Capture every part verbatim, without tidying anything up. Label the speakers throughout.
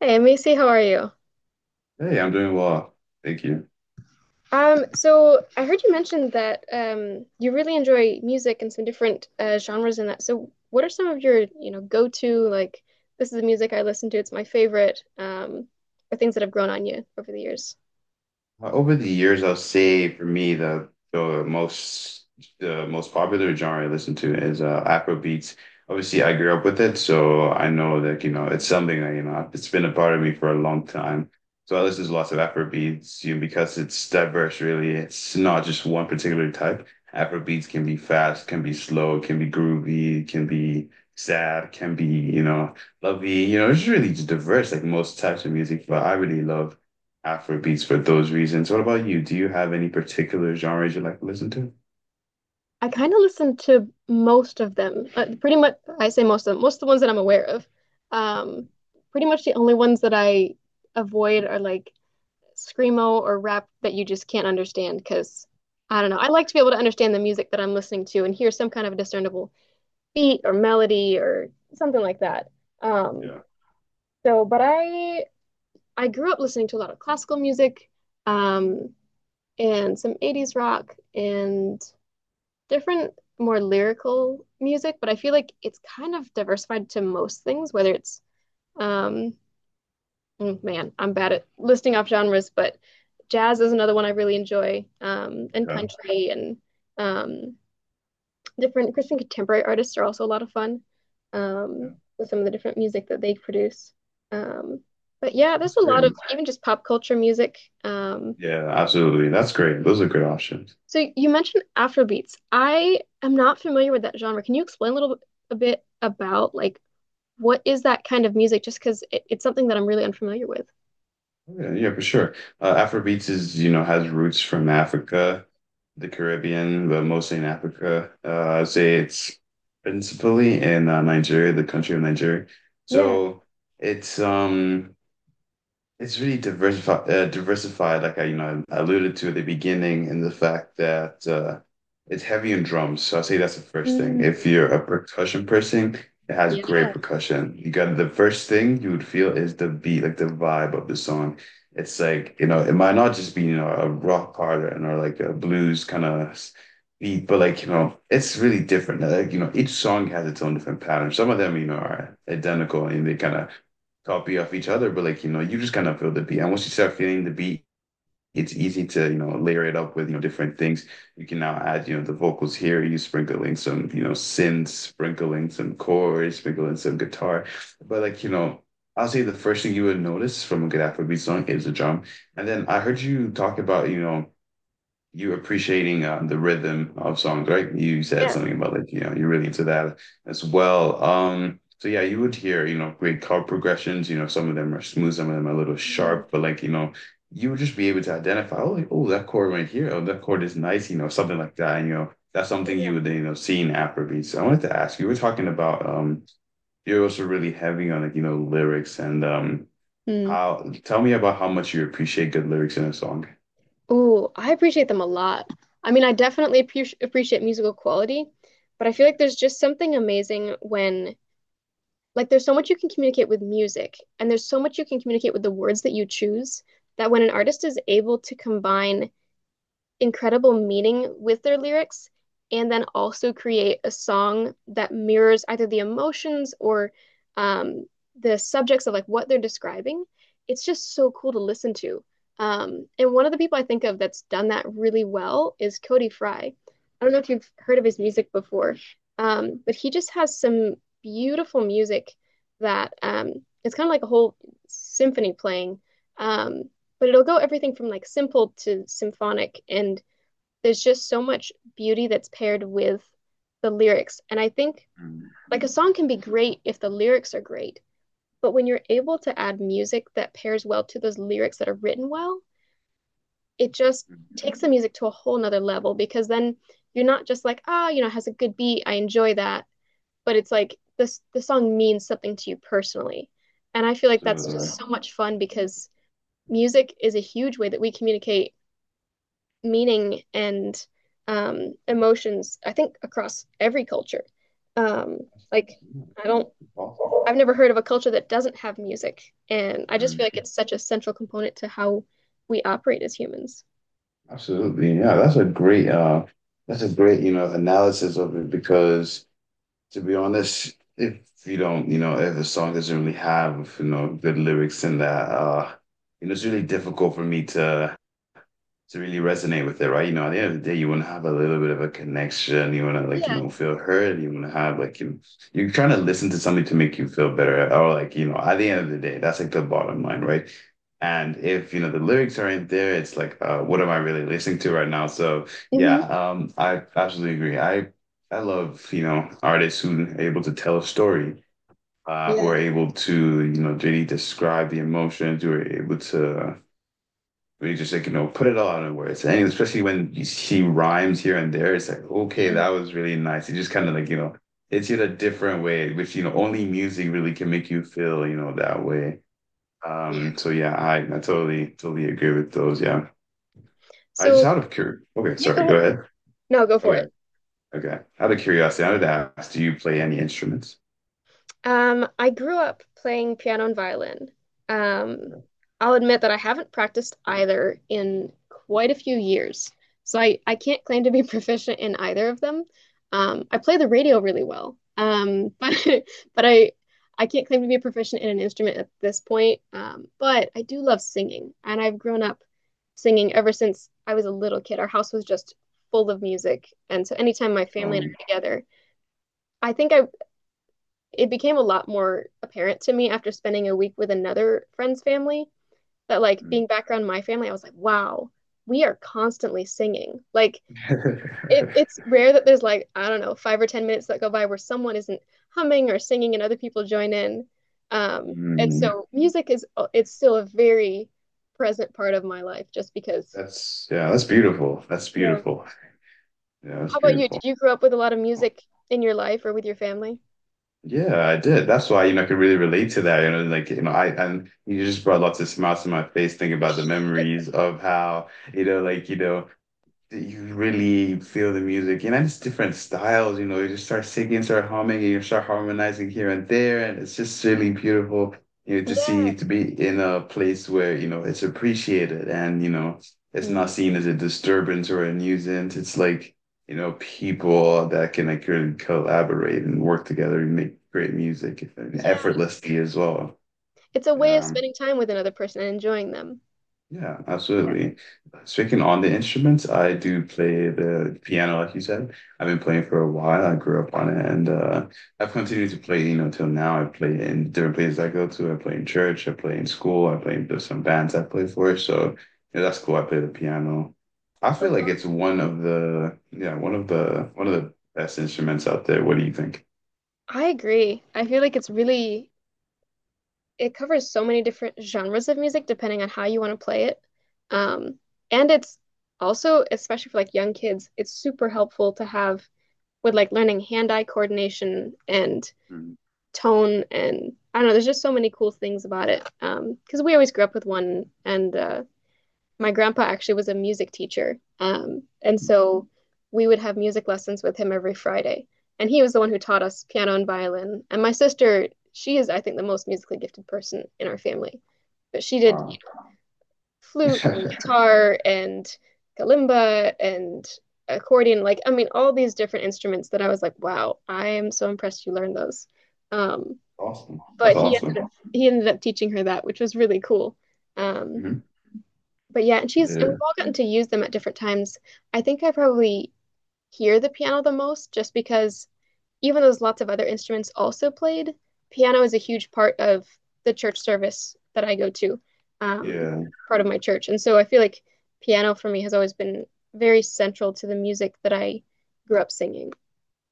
Speaker 1: Hey, Macy, how are you?
Speaker 2: Hey, I'm doing well. Thank you.
Speaker 1: Um, so I heard you mentioned that um, you really enjoy music and some different uh, genres in that. So what are some of your, you know, go-to like this is the music I listen to, it's my favorite, um, or things that have grown on you over the years?
Speaker 2: Uh, Over the years, I'll say for me the the most the most popular genre I listen to is uh, Afrobeats. Obviously, I grew up with it, so I know that you know it's something that you know it's been a part of me for a long time. So I listen to lots of Afrobeats, you know, because it's diverse, really. It's not just one particular type. Afrobeats can be fast, can be slow, can be groovy, can be sad, can be you know lovey. You know, it's really just diverse, like most types of music. But I really love Afrobeats for those reasons. What about you? Do you have any particular genres you like to listen to?
Speaker 1: I kind of listen to most of them. Uh, pretty much, I say most of them, most of the ones that I'm aware of. Um, Pretty much the only ones that I avoid are like screamo or rap that you just can't understand because I don't know. I like to be able to understand the music that I'm listening to and hear some kind of a discernible beat or melody or something like that. Um,
Speaker 2: Yeah.
Speaker 1: so, but I I grew up listening to a lot of classical music, um, and some eighties rock and different more lyrical music, but I feel like it's kind of diversified to most things, whether it's um, Mm, man, I'm bad at listing off genres, but jazz is another one I really enjoy, um, and
Speaker 2: Okay.
Speaker 1: country and um, different Christian contemporary artists are also a lot of fun
Speaker 2: Yeah.
Speaker 1: um, with some of the different music that they produce. Um, but yeah, there's
Speaker 2: That's
Speaker 1: a
Speaker 2: great.
Speaker 1: lot of even just pop culture music. Um,
Speaker 2: Yeah, absolutely. That's great. Those are good options.
Speaker 1: so you mentioned Afrobeats. I am not familiar with that genre. Can you explain a little bit, a bit about like what is that kind of music? Just because it, it's something that I'm really unfamiliar with.
Speaker 2: Yeah, yeah, for sure. Uh, Afrobeats is, you know, has roots from Africa, the Caribbean, but mostly in Africa. Uh, I'd say it's principally in uh, Nigeria, the country of Nigeria.
Speaker 1: Yeah.
Speaker 2: So it's um it's really diversified, uh, diversified, like I, you know, alluded to at the beginning, and the fact that uh, it's heavy in drums. So I say that's the first thing.
Speaker 1: Mm,
Speaker 2: If you're a percussion person, it has
Speaker 1: yeah.
Speaker 2: great percussion. You got the first thing you would feel is the beat, like the vibe of the song. It's like, you know, it might not just be, you know, a rock pattern or or like a blues kind of beat, but like, you know, it's really different. Like, you know, each song has its own different pattern. Some of them, you know, are identical and they kind of copy of each other, but like, you know, you just kind of feel the beat. And once you start feeling the beat, it's easy to, you know, layer it up with, you know, different things. You can now add, you know, the vocals here, you sprinkling some, you know, synths, sprinkling some chords, sprinkling some guitar. But like, you know, I'll say the first thing you would notice from a good Afrobeat song is the drum. And then I heard you talk about, you know, you appreciating um, the rhythm of songs, right? You said
Speaker 1: Yeah.
Speaker 2: something about like, you know, you're really into that as well. Um, so yeah, you would hear, you know, great chord progressions. You know, some of them are smooth, some of them are a little
Speaker 1: Mm,
Speaker 2: sharp, but like, you know, you would just be able to identify, oh, like, oh, that chord right here, oh, that chord is nice, you know, something like that. And, you know, that's something
Speaker 1: yeah.
Speaker 2: you would, you know, see in Afrobeats. So I wanted to ask, you were talking about, um, you're also really heavy on like, you know, lyrics and, um,
Speaker 1: Mm.
Speaker 2: how, tell me about how much you appreciate good lyrics in a song.
Speaker 1: Oh, I appreciate them a lot. I mean, I definitely appre appreciate musical quality, but I feel like there's just something amazing when, like, there's so much you can communicate with music, and there's so much you can communicate with the words that you choose, that when an artist is able to combine incredible meaning with their lyrics and then also create a song that mirrors either the emotions or um, the subjects of like what they're describing. It's just so cool to listen to. Um, and one of the people I think of that's done that really well is Cody Fry. I don't know if you've heard of his music before, um, but he just has some beautiful music that um, it's kind of like a whole symphony playing. Um, but it'll go everything from like simple to symphonic and there's just so much beauty that's paired with the lyrics, and I think
Speaker 2: Mm,
Speaker 1: like a song can be great if the lyrics are great, but when you're able to add music that pairs well to those lyrics that are written well, it just
Speaker 2: mm,
Speaker 1: takes the music to a whole nother level, because then you're not just like ah oh, you know it has a good beat, I enjoy that, but it's like this the song means something to you personally. And I feel like that's just
Speaker 2: absolutely.
Speaker 1: so much fun, because music is a huge way that we communicate meaning and um, emotions, I think, across every culture. Um, like, I don't,
Speaker 2: Awesome.
Speaker 1: I've never heard of a culture that doesn't have music. And I just feel
Speaker 2: Mm.
Speaker 1: like it's such a central component to how we operate as humans.
Speaker 2: Absolutely. Yeah, that's a great uh that's a great, you know, analysis of it because to be honest, if you don't, you know, if a song doesn't really have, you know, good lyrics in that, uh, you know, it's really difficult for me to to really resonate with it, right? You know, at the end of the day, you want to have a little bit of a connection. You want to like,
Speaker 1: Yeah.
Speaker 2: you know, feel heard. You want to have like, you know, you're trying to listen to something to make you feel better, or like, you know, at the end of the day, that's like the bottom line, right? And if you know the lyrics aren't there, it's like, uh, what am I really listening to right now? So yeah,
Speaker 1: Hmm.
Speaker 2: um, I absolutely agree. I I love you know artists who are able to tell a story, uh, who
Speaker 1: Yeah.
Speaker 2: are able to you know really describe the emotions, who are able to we just like, you know, put it all in words. And especially when she rhymes here and there, it's like, okay,
Speaker 1: Mm.
Speaker 2: that was really nice. It just kind of like, you know, it's in a different way, which, you know, only music really can make you feel, you know, that way.
Speaker 1: Yeah.
Speaker 2: Um, so yeah, I, I totally, totally agree with those. Yeah. I just
Speaker 1: So,
Speaker 2: out of cur Okay,
Speaker 1: yeah, go
Speaker 2: sorry, go
Speaker 1: ahead.
Speaker 2: ahead.
Speaker 1: No, go for
Speaker 2: Okay,
Speaker 1: it.
Speaker 2: okay. Out of curiosity, I would ask, do you play any instruments?
Speaker 1: Um, I grew up playing piano and violin. Um,
Speaker 2: Okay.
Speaker 1: I'll admit that I haven't practiced either in quite a few years, so I, I can't claim to be proficient in either of them. Um, I play the radio really well, um, but but I I can't claim to be proficient in an instrument at this point. Um, but I do love singing, and I've grown up singing ever since I was a little kid. Our house was just full of music, and so anytime my family and I
Speaker 2: Um,
Speaker 1: were together, I think I it became a lot more apparent to me after spending a week with another friend's family that like being back around my family, I was like, wow, we are constantly singing. Like it, it's rare that there's like, I don't know, five or ten minutes that go by where someone isn't humming or singing and other people join in. Um, and
Speaker 2: mm,
Speaker 1: so music is uh, it's still a very present part of my life just because
Speaker 2: that's yeah, that's beautiful. That's
Speaker 1: yeah.
Speaker 2: beautiful. Yeah, that's
Speaker 1: How about you?
Speaker 2: beautiful.
Speaker 1: Did you grow up with a lot of music in your life or with your family?
Speaker 2: Yeah, I did. That's why, you know, I could really relate to that. You know, like, you know, I and you just brought lots of smiles to my face thinking about the memories of how, you know, like, you know, you really feel the music, you know, it's different styles, you know, you just start singing, start humming, and you start harmonizing here and there, and it's just really beautiful, you know, to
Speaker 1: Yeah.
Speaker 2: see to be in a place where, you know, it's appreciated and, you know, it's not
Speaker 1: Mhm.
Speaker 2: seen as a disturbance or a nuisance. It's like, you know, people that can like really collaborate and work together and make great music and
Speaker 1: Yeah.
Speaker 2: effortlessly as well.
Speaker 1: It's a way of
Speaker 2: Yeah.
Speaker 1: spending time with another person and enjoying them.
Speaker 2: Yeah,
Speaker 1: Yeah.
Speaker 2: absolutely. Speaking on the instruments, I do play the piano, like you said. I've been playing for a while. I grew up on it, and uh, I've continued to play, you know, till now. I play in different places I go to. I play in church. I play in school. I play in there's some bands I play for. So, yeah, that's cool. I play the piano. I feel
Speaker 1: That's
Speaker 2: like it's
Speaker 1: awesome.
Speaker 2: one of the, yeah, one of the one of the best instruments out there. What do you think?
Speaker 1: I agree. I feel like it's really, it covers so many different genres of music depending on how you want to play it. Um, and it's also, especially for like young kids, it's super helpful to have with like learning hand-eye coordination and
Speaker 2: Mm.
Speaker 1: tone and I don't know, there's just so many cool things about it. Um, because we always grew up with one, and uh my grandpa actually was a music teacher. Um, and so we would have music lessons with him every Friday. And he was the one who taught us piano and violin. And my sister, she is, I think, the most musically gifted person in our family. But she did
Speaker 2: Wow.
Speaker 1: flute and guitar and kalimba and accordion. Like, I mean, all these different instruments that I was like, wow, I am so impressed you learned those. Um,
Speaker 2: Awesome. That's
Speaker 1: but he
Speaker 2: awesome.
Speaker 1: ended up, he ended up teaching her that, which was really cool. Um,
Speaker 2: Mhm.
Speaker 1: but yeah, and she's and we've
Speaker 2: Yeah.
Speaker 1: all gotten to use them at different times. I think I probably hear the piano the most just because even though there's lots of other instruments also played, piano is a huge part of the church service that I go to, um,
Speaker 2: Yeah.
Speaker 1: part of my church. And so I feel like piano for me has always been very central to the music that I grew up singing.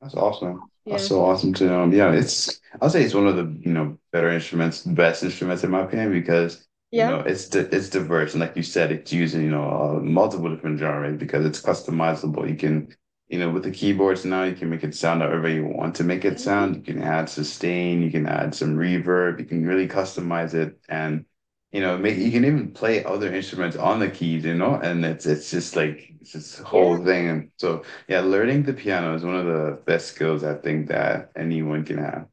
Speaker 2: That's awesome. That's
Speaker 1: Yeah.
Speaker 2: so awesome to know. Yeah, it's I'll say it's one of the, you know, better instruments, best instruments in my opinion because, you
Speaker 1: Yeah.
Speaker 2: know, it's di it's diverse and like you said, it's using, you know, uh, multiple different genres because it's customizable. You can, you know, with the keyboards now, you can make it sound however you want to make it
Speaker 1: Mhm.
Speaker 2: sound. You can add sustain, you can add some reverb, you can really customize it and you know, make you can even play other instruments on the keys, you know, and it's it's just like it's this
Speaker 1: Yeah.
Speaker 2: whole thing. So yeah, learning the piano is one of the best skills I think that anyone can have.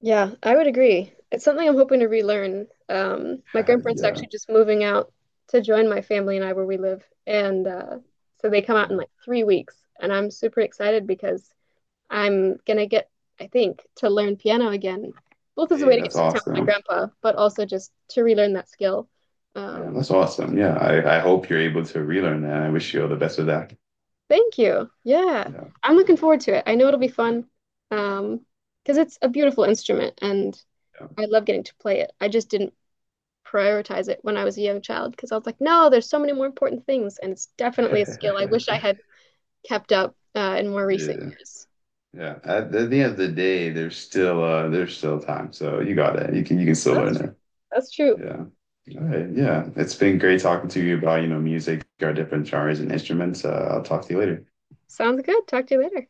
Speaker 1: Yeah, I would agree. It's something I'm hoping to relearn. Um, my grandparents are
Speaker 2: Yeah,
Speaker 1: actually just moving out to join my family and I where we live. And uh, so they come out
Speaker 2: yeah.
Speaker 1: in like three weeks. And I'm super excited because I'm gonna get, I think, to learn piano again, both as a
Speaker 2: Hey,
Speaker 1: way to get
Speaker 2: that's
Speaker 1: to spend time with my
Speaker 2: awesome.
Speaker 1: grandpa, but also just to relearn that skill.
Speaker 2: Yeah,
Speaker 1: Um,
Speaker 2: that's awesome. Yeah, I, I hope you're able to relearn that. I wish you all the best with that.
Speaker 1: Thank you. Yeah,
Speaker 2: Yeah,
Speaker 1: I'm looking forward to it. I know it'll be fun um, because it's a beautiful instrument and I love getting to play it. I just didn't prioritize it when I was a young child because I was like, no, there's so many more important things. And it's definitely a skill I
Speaker 2: yeah,
Speaker 1: wish I had kept up uh, in more recent
Speaker 2: yeah.
Speaker 1: years.
Speaker 2: Yeah. At, at the end of the day, there's still uh, there's still time, so you got it. You can you can still learn
Speaker 1: That's true.
Speaker 2: it.
Speaker 1: That's true.
Speaker 2: Yeah. All right. Yeah, it's been great talking to you about, you know, music, our different genres and instruments. Uh, I'll talk to you later.
Speaker 1: Sounds good. Talk to you later.